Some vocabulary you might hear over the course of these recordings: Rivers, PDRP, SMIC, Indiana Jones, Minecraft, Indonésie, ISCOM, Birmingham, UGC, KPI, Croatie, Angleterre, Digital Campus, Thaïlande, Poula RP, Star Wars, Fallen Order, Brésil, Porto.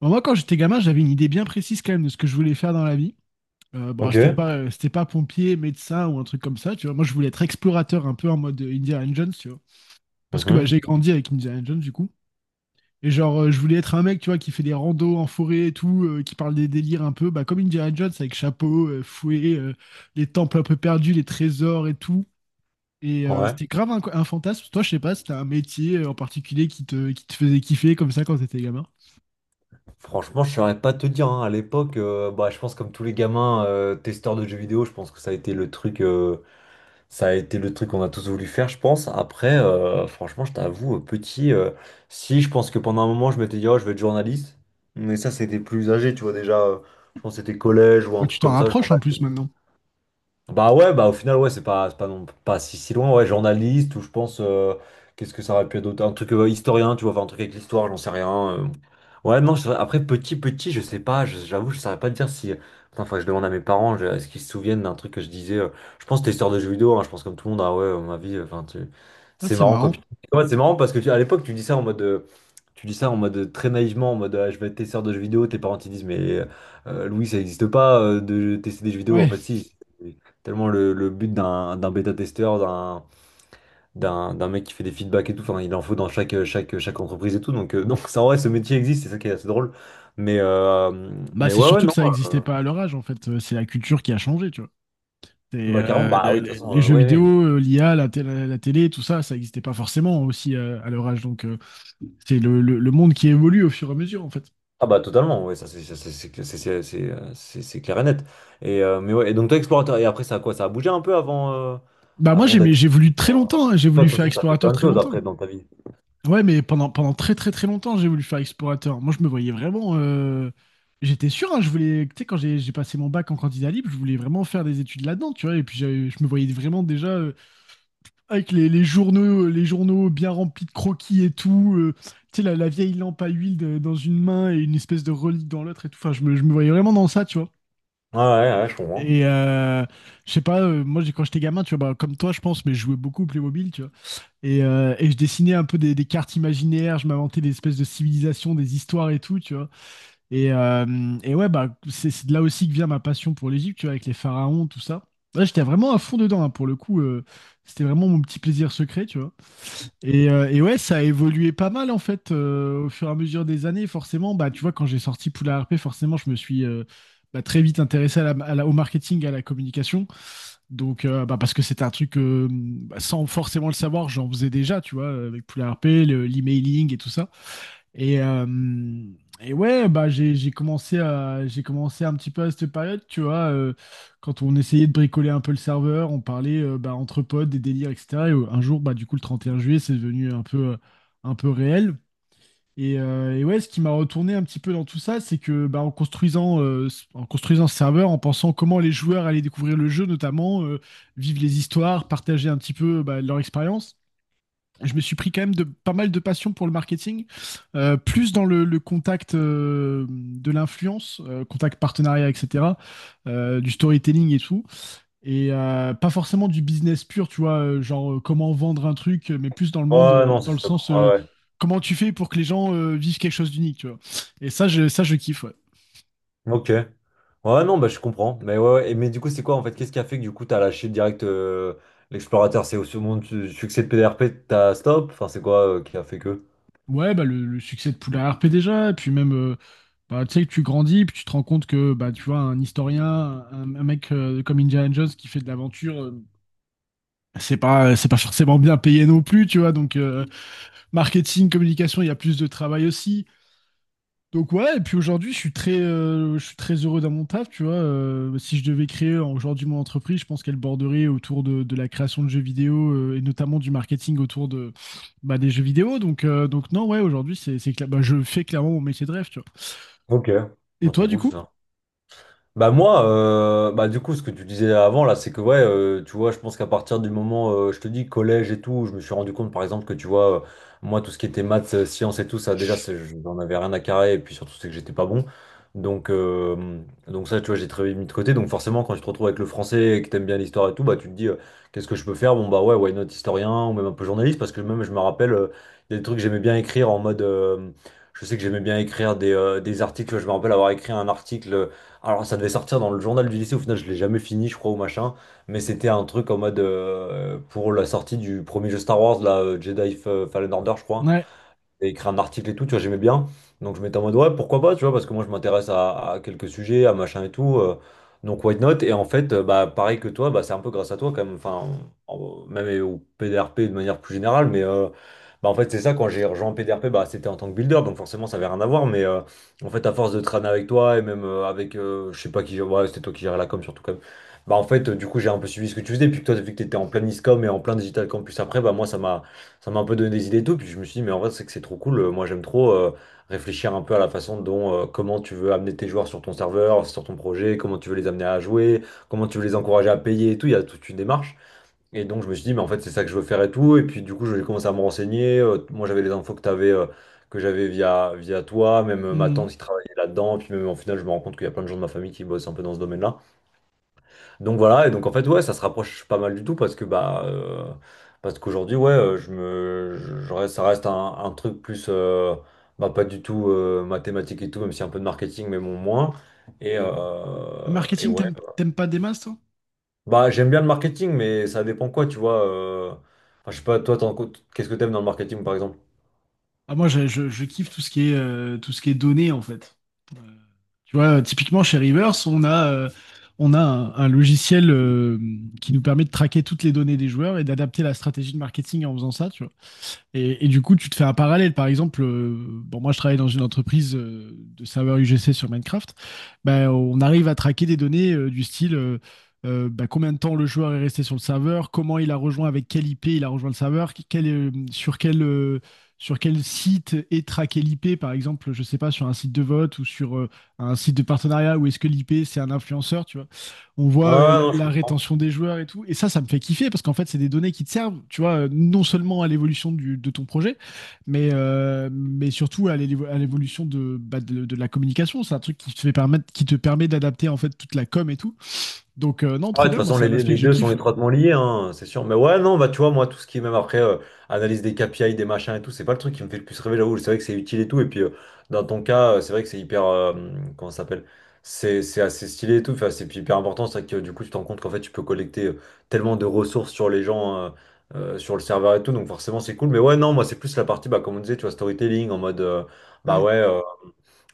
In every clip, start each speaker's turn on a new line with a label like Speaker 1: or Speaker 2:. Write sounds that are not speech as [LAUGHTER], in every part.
Speaker 1: Bon, moi, quand j'étais gamin, j'avais une idée bien précise quand même de ce que je voulais faire dans la vie. Bon,
Speaker 2: Ok.
Speaker 1: c'était pas pompier, médecin ou un truc comme ça, tu vois. Moi, je voulais être explorateur un peu en mode Indiana Jones, tu vois. Parce que bah, j'ai
Speaker 2: Mhm.
Speaker 1: grandi avec Indiana Jones, du coup. Et genre, je voulais être un mec, tu vois, qui fait des randos en forêt et tout, qui parle des délires un peu, bah, comme Indiana Jones, avec chapeau, fouet, les temples un peu perdus, les trésors et tout.
Speaker 2: Ouais.
Speaker 1: C'était grave un fantasme. Toi, je sais pas, c'était un métier en particulier qui te faisait kiffer comme ça quand t'étais gamin.
Speaker 2: Franchement, je saurais pas te dire, hein. À l'époque, bah, je pense comme tous les gamins testeurs de jeux vidéo, je pense que ça a été le truc qu'on a tous voulu faire, je pense. Après, franchement, je t'avoue, petit, si je pense que pendant un moment, je m'étais dit, oh, je vais être journaliste. Mais ça, c'était plus âgé, tu vois déjà. Je pense que c'était collège ou
Speaker 1: Ouais,
Speaker 2: un
Speaker 1: tu
Speaker 2: truc
Speaker 1: t'en
Speaker 2: comme ça,
Speaker 1: rapproches en
Speaker 2: journaliste.
Speaker 1: plus maintenant.
Speaker 2: Bah ouais, bah au final, ouais, c'est pas, non, pas si loin, ouais, journaliste, ou je pense, qu'est-ce que ça aurait pu être d'autre? Un truc historien, tu vois, enfin, un truc avec l'histoire, j'en sais rien. Ouais, non, je après, petit, je sais pas, j'avoue, je saurais pas te dire si. Putain, faudrait que je demande à mes parents, est-ce qu'ils se souviennent d'un truc que je disais. Je pense que c'était histoire de jeux vidéo, hein, je pense comme tout le monde, ah ouais, ma vie, enfin, tu...
Speaker 1: Ah,
Speaker 2: c'est
Speaker 1: c'est
Speaker 2: marrant, quoi.
Speaker 1: marrant.
Speaker 2: Ouais, c'est marrant parce que à l'époque, tu dis ça en mode. Tu dis ça en mode très naïvement, en mode ah, je vais être testeur de jeux vidéo, tes parents ils disent mais Louis ça n'existe pas de tester des jeux vidéo, en
Speaker 1: Ouais.
Speaker 2: fait si. Tellement le but d'un bêta-testeur, d'un mec qui fait des feedbacks et tout, enfin, il en faut dans chaque entreprise et tout. Donc, [LAUGHS] donc ça, en vrai, ce métier existe, c'est ça qui est assez drôle. Mais, euh,
Speaker 1: Bah,
Speaker 2: mais
Speaker 1: c'est
Speaker 2: ouais, ouais,
Speaker 1: surtout que
Speaker 2: non.
Speaker 1: ça n'existait
Speaker 2: euh,
Speaker 1: pas à leur âge, en fait. C'est la culture qui a changé, tu vois.
Speaker 2: Bah, carrément, bah oui, de toute
Speaker 1: Les-
Speaker 2: façon,
Speaker 1: les jeux
Speaker 2: oui, oui.
Speaker 1: vidéo, l'IA, la télé, tout ça, ça n'existait pas forcément aussi à leur âge. Donc, c'est le, le monde qui évolue au fur et à mesure, en fait.
Speaker 2: Ah, bah, totalement, ouais ça, c'est ça, c'est clair et net. Et, mais ouais, et donc, toi, explorateur, et après, ça a quoi? Ça a bougé un peu avant,
Speaker 1: Bah, moi,
Speaker 2: avant d'être.
Speaker 1: j'ai voulu très longtemps, hein. J'ai
Speaker 2: Toi,
Speaker 1: voulu
Speaker 2: de toute
Speaker 1: faire
Speaker 2: façon, t'as fait
Speaker 1: explorateur
Speaker 2: plein de
Speaker 1: très
Speaker 2: choses
Speaker 1: longtemps.
Speaker 2: après dans ta vie.
Speaker 1: Ouais, mais pendant très très très longtemps, j'ai voulu faire explorateur. Moi, je me voyais vraiment. J'étais sûr, hein, je voulais. Tu sais, quand j'ai passé mon bac en candidat libre, je voulais vraiment faire des études là-dedans, tu vois. Et puis, je me voyais vraiment déjà avec les journaux bien remplis de croquis et tout. Tu sais, la vieille lampe à huile dans une main et une espèce de relique dans l'autre et tout. Enfin, je me voyais vraiment dans ça, tu vois.
Speaker 2: Ouais, ouais, ouais, je comprends.
Speaker 1: Et euh, je sais pas, moi, quand j'étais gamin, tu vois, bah, comme toi, je pense, mais je jouais beaucoup au Playmobil, tu vois. Et je dessinais un peu des cartes imaginaires, je m'inventais des espèces de civilisations, des histoires et tout, tu vois. Et ouais, bah, c'est de là aussi que vient ma passion pour l'Égypte, tu vois, avec les pharaons, tout ça. Là, j'étais vraiment à fond dedans, hein, pour le coup. C'était vraiment mon petit plaisir secret, tu vois. Et ouais, ça a évolué pas mal, en fait, au fur et à mesure des années, forcément. Bah, tu vois, quand j'ai sorti Poula RP, forcément, je me suis bah, très vite intéressé à à au marketing, à la communication. Donc, bah, parce que c'est un truc, bah, sans forcément le savoir, j'en faisais déjà, tu vois, avec Poula RP, l'emailing et tout ça. Et, euh, et ouais, bah, j'ai commencé un petit peu à cette période, tu vois, quand on essayait de bricoler un peu le serveur, on parlait bah, entre potes, des délires, etc. Un jour, bah, du coup, le 31 juillet, c'est devenu un peu réel. Et ouais, ce qui m'a retourné un petit peu dans tout ça, c'est que bah, en construisant ce serveur, en pensant comment les joueurs allaient découvrir le jeu, notamment, vivre les histoires, partager un petit peu bah, leur expérience, je me suis pris quand même de pas mal de passion pour le marketing, plus dans le contact de l'influence, contact partenariat, etc., du storytelling et tout. Pas forcément du business pur, tu vois, genre comment vendre un truc, mais plus dans le monde,
Speaker 2: Ouais, non, ça,
Speaker 1: dans
Speaker 2: je
Speaker 1: le
Speaker 2: suis
Speaker 1: sens
Speaker 2: d'accord. Ouais, ouais.
Speaker 1: comment tu fais pour que les gens vivent quelque chose d'unique, tu vois. Et ça, ça, je kiffe, ouais.
Speaker 2: Ok. Ouais, non, bah, je comprends. Mais ouais, ouais. Mais du coup, c'est quoi en fait? Qu'est-ce qui a fait que du coup, t'as lâché direct l'explorateur? C'est au second succès de PDRP, t'as stop? Enfin, c'est quoi qui a fait que?
Speaker 1: Ouais, bah, le succès de Poula RP déjà, et puis même, bah, tu sais, que tu grandis, puis tu te rends compte que, bah, tu vois, un historien, un mec comme Indiana Jones qui fait de l'aventure, c'est pas forcément bien payé non plus, tu vois, donc marketing, communication, il y a plus de travail aussi. Donc ouais, et puis aujourd'hui, je suis très heureux dans mon taf, tu vois. Si je devais créer aujourd'hui mon entreprise, je pense qu'elle borderait autour de la création de jeux vidéo et notamment du marketing autour de, bah, des jeux vidéo. Donc non, ouais, aujourd'hui, c'est, bah, je fais clairement mon métier de rêve, tu vois.
Speaker 2: Ok.
Speaker 1: Et
Speaker 2: Bon,
Speaker 1: toi,
Speaker 2: trop
Speaker 1: du
Speaker 2: cool
Speaker 1: coup?
Speaker 2: ça. Bah moi, bah du coup, ce que tu disais avant là, c'est que ouais, tu vois, je pense qu'à partir du moment, je te dis collège et tout, je me suis rendu compte par exemple que tu vois, moi tout ce qui était maths, sciences et tout, ça déjà, je n'en avais rien à carrer et puis surtout c'est que j'étais pas bon. Donc euh, donc ça, tu vois, j'ai très mis de côté. Donc forcément, quand tu te retrouves avec le français et que t'aimes bien l'histoire et tout, bah tu te dis, qu'est-ce que je peux faire? Bon bah ouais, why not historien ou même un peu journaliste parce que même je me rappelle, il y a des trucs que j'aimais bien écrire en mode, je sais que j'aimais bien écrire des articles. Je me rappelle avoir écrit un article. Alors ça devait sortir dans le journal du lycée, au final je l'ai jamais fini je crois ou machin, mais c'était un truc en mode pour la sortie du premier jeu Star Wars, là, Fallen Order je crois,
Speaker 1: Ouais.
Speaker 2: et écrire un article et tout, tu vois, j'aimais bien. Donc je m'étais en mode, ouais, pourquoi pas, tu vois, parce que moi je m'intéresse à quelques sujets, à machin et tout. Donc why not? Et en fait, bah, pareil que toi, bah, c'est un peu grâce à toi quand même, enfin, même au PDRP de manière plus générale, mais bah, en fait, c'est ça, quand j'ai rejoint PDRP, bah, c'était en tant que builder, donc forcément ça avait rien à voir, mais en fait, à force de traîner avec toi et même avec, je sais pas qui, ouais, c'était toi qui gérais la com surtout quand même. Bah en fait, du coup, j'ai un peu suivi ce que tu faisais, puis que toi, vu que tu étais en plein ISCOM et en plein Digital Campus après, bah moi, ça m'a un peu donné des idées et tout. Puis je me suis dit, mais en vrai, c'est que c'est trop cool. Moi, j'aime trop réfléchir un peu à la façon dont, comment tu veux amener tes joueurs sur ton serveur, sur ton projet, comment tu veux les amener à jouer, comment tu veux les encourager à payer et tout. Il y a toute une démarche. Et donc, je me suis dit, mais en fait, c'est ça que je veux faire et tout. Et puis, du coup, je vais commencer à me renseigner. Moi, j'avais les infos que t'avais, avais. Que j'avais via toi, même ma
Speaker 1: Hmm.
Speaker 2: tante qui travaillait là-dedans, puis même en final, je me rends compte qu'il y a plein de gens de ma famille qui bossent un peu dans ce domaine-là. Donc voilà, et donc en fait, ouais, ça se rapproche pas mal du tout parce que bah parce qu'aujourd'hui, ouais, je me je reste- ça reste un truc plus bah pas du tout mathématique et tout, même si un peu de marketing, mais bon moins. Et
Speaker 1: Marketing,
Speaker 2: ouais.
Speaker 1: t'aimes pas des masses, toi?
Speaker 2: Bah j'aime bien le marketing, mais ça dépend quoi, tu vois. Enfin, je sais pas, toi, qu'est-ce que t'aimes dans le marketing, par exemple?
Speaker 1: Ah, moi, je kiffe tout ce qui est, tout ce qui est données, en fait. Tu vois, typiquement chez Rivers, on a un logiciel qui nous permet de traquer toutes les données des joueurs et d'adapter la stratégie de marketing en faisant ça, tu vois. Et du coup, tu te fais un parallèle. Par exemple, bon, moi, je travaille dans une entreprise de serveurs UGC sur Minecraft. Ben, on arrive à traquer des données du style ben, combien de temps le joueur est resté sur le serveur, comment il a rejoint, avec quelle IP il a rejoint le serveur, sur sur quel site est traqué l'IP, par exemple, je sais pas, sur un site de vote ou sur un site de partenariat, où est-ce que l'IP c'est un influenceur, tu vois on
Speaker 2: Ouais,
Speaker 1: voit la,
Speaker 2: non, je
Speaker 1: la
Speaker 2: comprends.
Speaker 1: rétention des joueurs et tout. Et ça me fait kiffer parce qu'en fait, c'est des données qui te servent, tu vois, non seulement à l'évolution de ton projet, mais surtout à à l'évolution de, bah, de la communication. C'est un truc qui te fait permettre, qui te permet d'adapter en fait toute la com et tout. Donc, non,
Speaker 2: Ah ouais,
Speaker 1: trop
Speaker 2: de
Speaker 1: bien.
Speaker 2: toute
Speaker 1: Moi,
Speaker 2: façon,
Speaker 1: c'est
Speaker 2: les,
Speaker 1: un
Speaker 2: les-
Speaker 1: aspect
Speaker 2: les
Speaker 1: que je
Speaker 2: deux sont
Speaker 1: kiffe. Ouais.
Speaker 2: étroitement liés, hein, c'est sûr. Mais ouais, non, bah tu vois, moi, tout ce qui est même après analyse des KPI, des machins et tout, c'est pas le truc qui me fait le plus rêver là où. C'est vrai que c'est utile et tout. Et puis, dans ton cas, c'est vrai que c'est hyper. Comment ça s'appelle? C'est assez stylé et tout. Enfin, c'est hyper important. C'est vrai que du coup, tu te rends compte qu'en fait, tu peux collecter tellement de ressources sur les gens, sur le serveur et tout. Donc, forcément, c'est cool. Mais ouais, non, moi, c'est plus la partie, bah, comme on disait, tu vois, storytelling en mode. Bah
Speaker 1: Ouais.
Speaker 2: ouais. euh,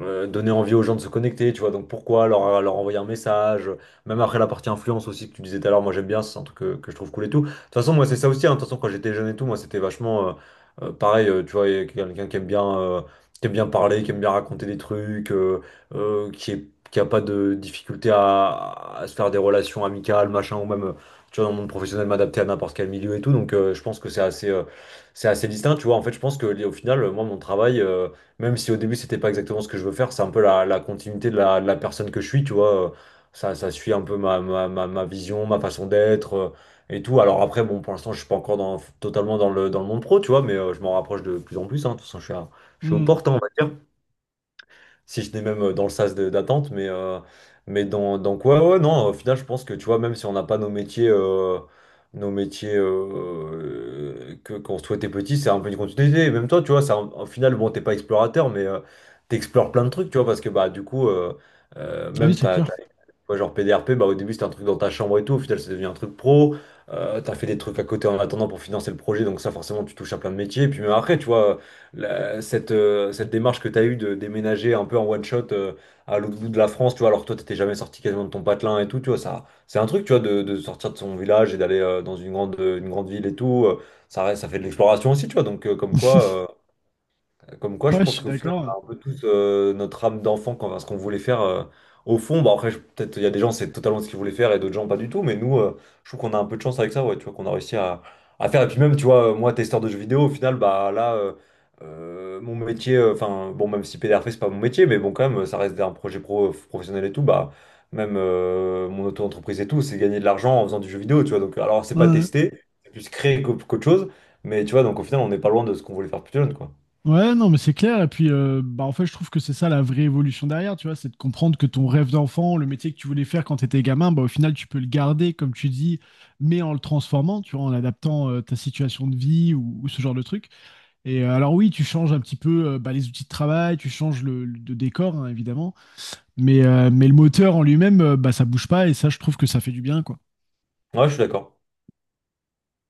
Speaker 2: euh, Donner envie aux gens de se connecter, tu vois. Donc pourquoi leur envoyer un message, même après la partie influence aussi que tu disais tout à l'heure, moi j'aime bien, c'est un truc que je trouve cool et tout. De toute façon, moi c'est ça aussi, hein. De toute façon, quand j'étais jeune et tout, moi c'était vachement pareil, tu vois, et quelqu'un qui aime bien parler, qui aime bien raconter des trucs, qui est, qui a pas de difficulté à se faire des relations amicales, machin, ou même. Tu vois, dans le monde professionnel, m'adapter à n'importe quel milieu et tout. Donc, je pense que c'est assez distinct. Tu vois, en fait, je pense que au final, moi, mon travail, même si au début c'était pas exactement ce que je veux faire, c'est un peu la continuité de la personne que je suis, tu vois. Ça, ça suit un peu ma vision, ma façon d'être et tout. Alors après, bon, pour l'instant, je suis pas encore dans, totalement dans le monde pro, tu vois, mais je m'en rapproche de plus en plus, hein. De toute façon, je suis aux
Speaker 1: Mm.
Speaker 2: portes, hein, on va dire si je j'étais même dans le sas d'attente, mais dans quoi, ouais, non, au final, je pense que tu vois, même si on n'a pas nos métiers, que, qu'on souhaitait petit, c'est un peu une continuité. Et même toi, tu vois, au final, bon, t'es pas explorateur, mais t'explores plein de trucs, tu vois, parce que bah, du coup, euh,
Speaker 1: Ah oui,
Speaker 2: même
Speaker 1: c'est
Speaker 2: t'as,
Speaker 1: clair.
Speaker 2: ouais, genre PDRP, bah, au début c'était un truc dans ta chambre et tout, au final c'est devenu un truc pro. T'as fait des trucs à côté en attendant pour financer le projet, donc ça forcément tu touches à plein de métiers. Puis même après, tu vois, cette, cette démarche que t'as eue de déménager un peu en one shot à l'autre bout de la France, tu vois, alors que toi t'étais jamais sorti quasiment de ton patelin et tout, tu vois, ça, c'est un truc, tu vois, de sortir de son village et d'aller dans une grande ville et tout. Ça fait de l'exploration aussi, tu vois, donc comme quoi.
Speaker 1: [LAUGHS]
Speaker 2: Je
Speaker 1: Ouais, je
Speaker 2: pense
Speaker 1: suis
Speaker 2: qu'au final, on
Speaker 1: d'accord.
Speaker 2: a un peu tous notre âme d'enfant quand ce qu'on voulait faire. Au fond, bah après, peut-être il y a des gens, c'est totalement ce qu'ils voulaient faire et d'autres gens, pas du tout. Mais nous, je trouve qu'on a un peu de chance avec ça, ouais, tu vois, qu'on a réussi à faire. Et puis même, tu vois, moi, testeur de jeux vidéo, au final, bah là, mon métier, enfin, bon, même si PDRP, c'est pas mon métier, mais bon, quand même, ça reste un projet pro, professionnel et tout, bah, même mon auto-entreprise et tout, c'est gagner de l'argent en faisant du jeu vidéo, tu vois. Donc, alors, c'est pas
Speaker 1: Ouais.
Speaker 2: tester, c'est plus créer qu'autre chose. Mais tu vois, donc au final, on n'est pas loin de ce qu'on voulait faire plus jeune, quoi.
Speaker 1: Ouais, non, mais c'est clair. Et puis, bah, en fait, je trouve que c'est ça la vraie évolution derrière, tu vois, c'est de comprendre que ton rêve d'enfant, le métier que tu voulais faire quand tu étais gamin, bah, au final, tu peux le garder, comme tu dis, mais en le transformant, tu vois, en adaptant ta situation de vie ou ce genre de truc. Alors, oui, tu changes un petit peu bah, les outils de travail, tu changes le, de décor, hein, évidemment, mais le moteur en lui-même, bah, ça bouge pas et ça, je trouve que ça fait du bien, quoi.
Speaker 2: Ouais, je suis d'accord.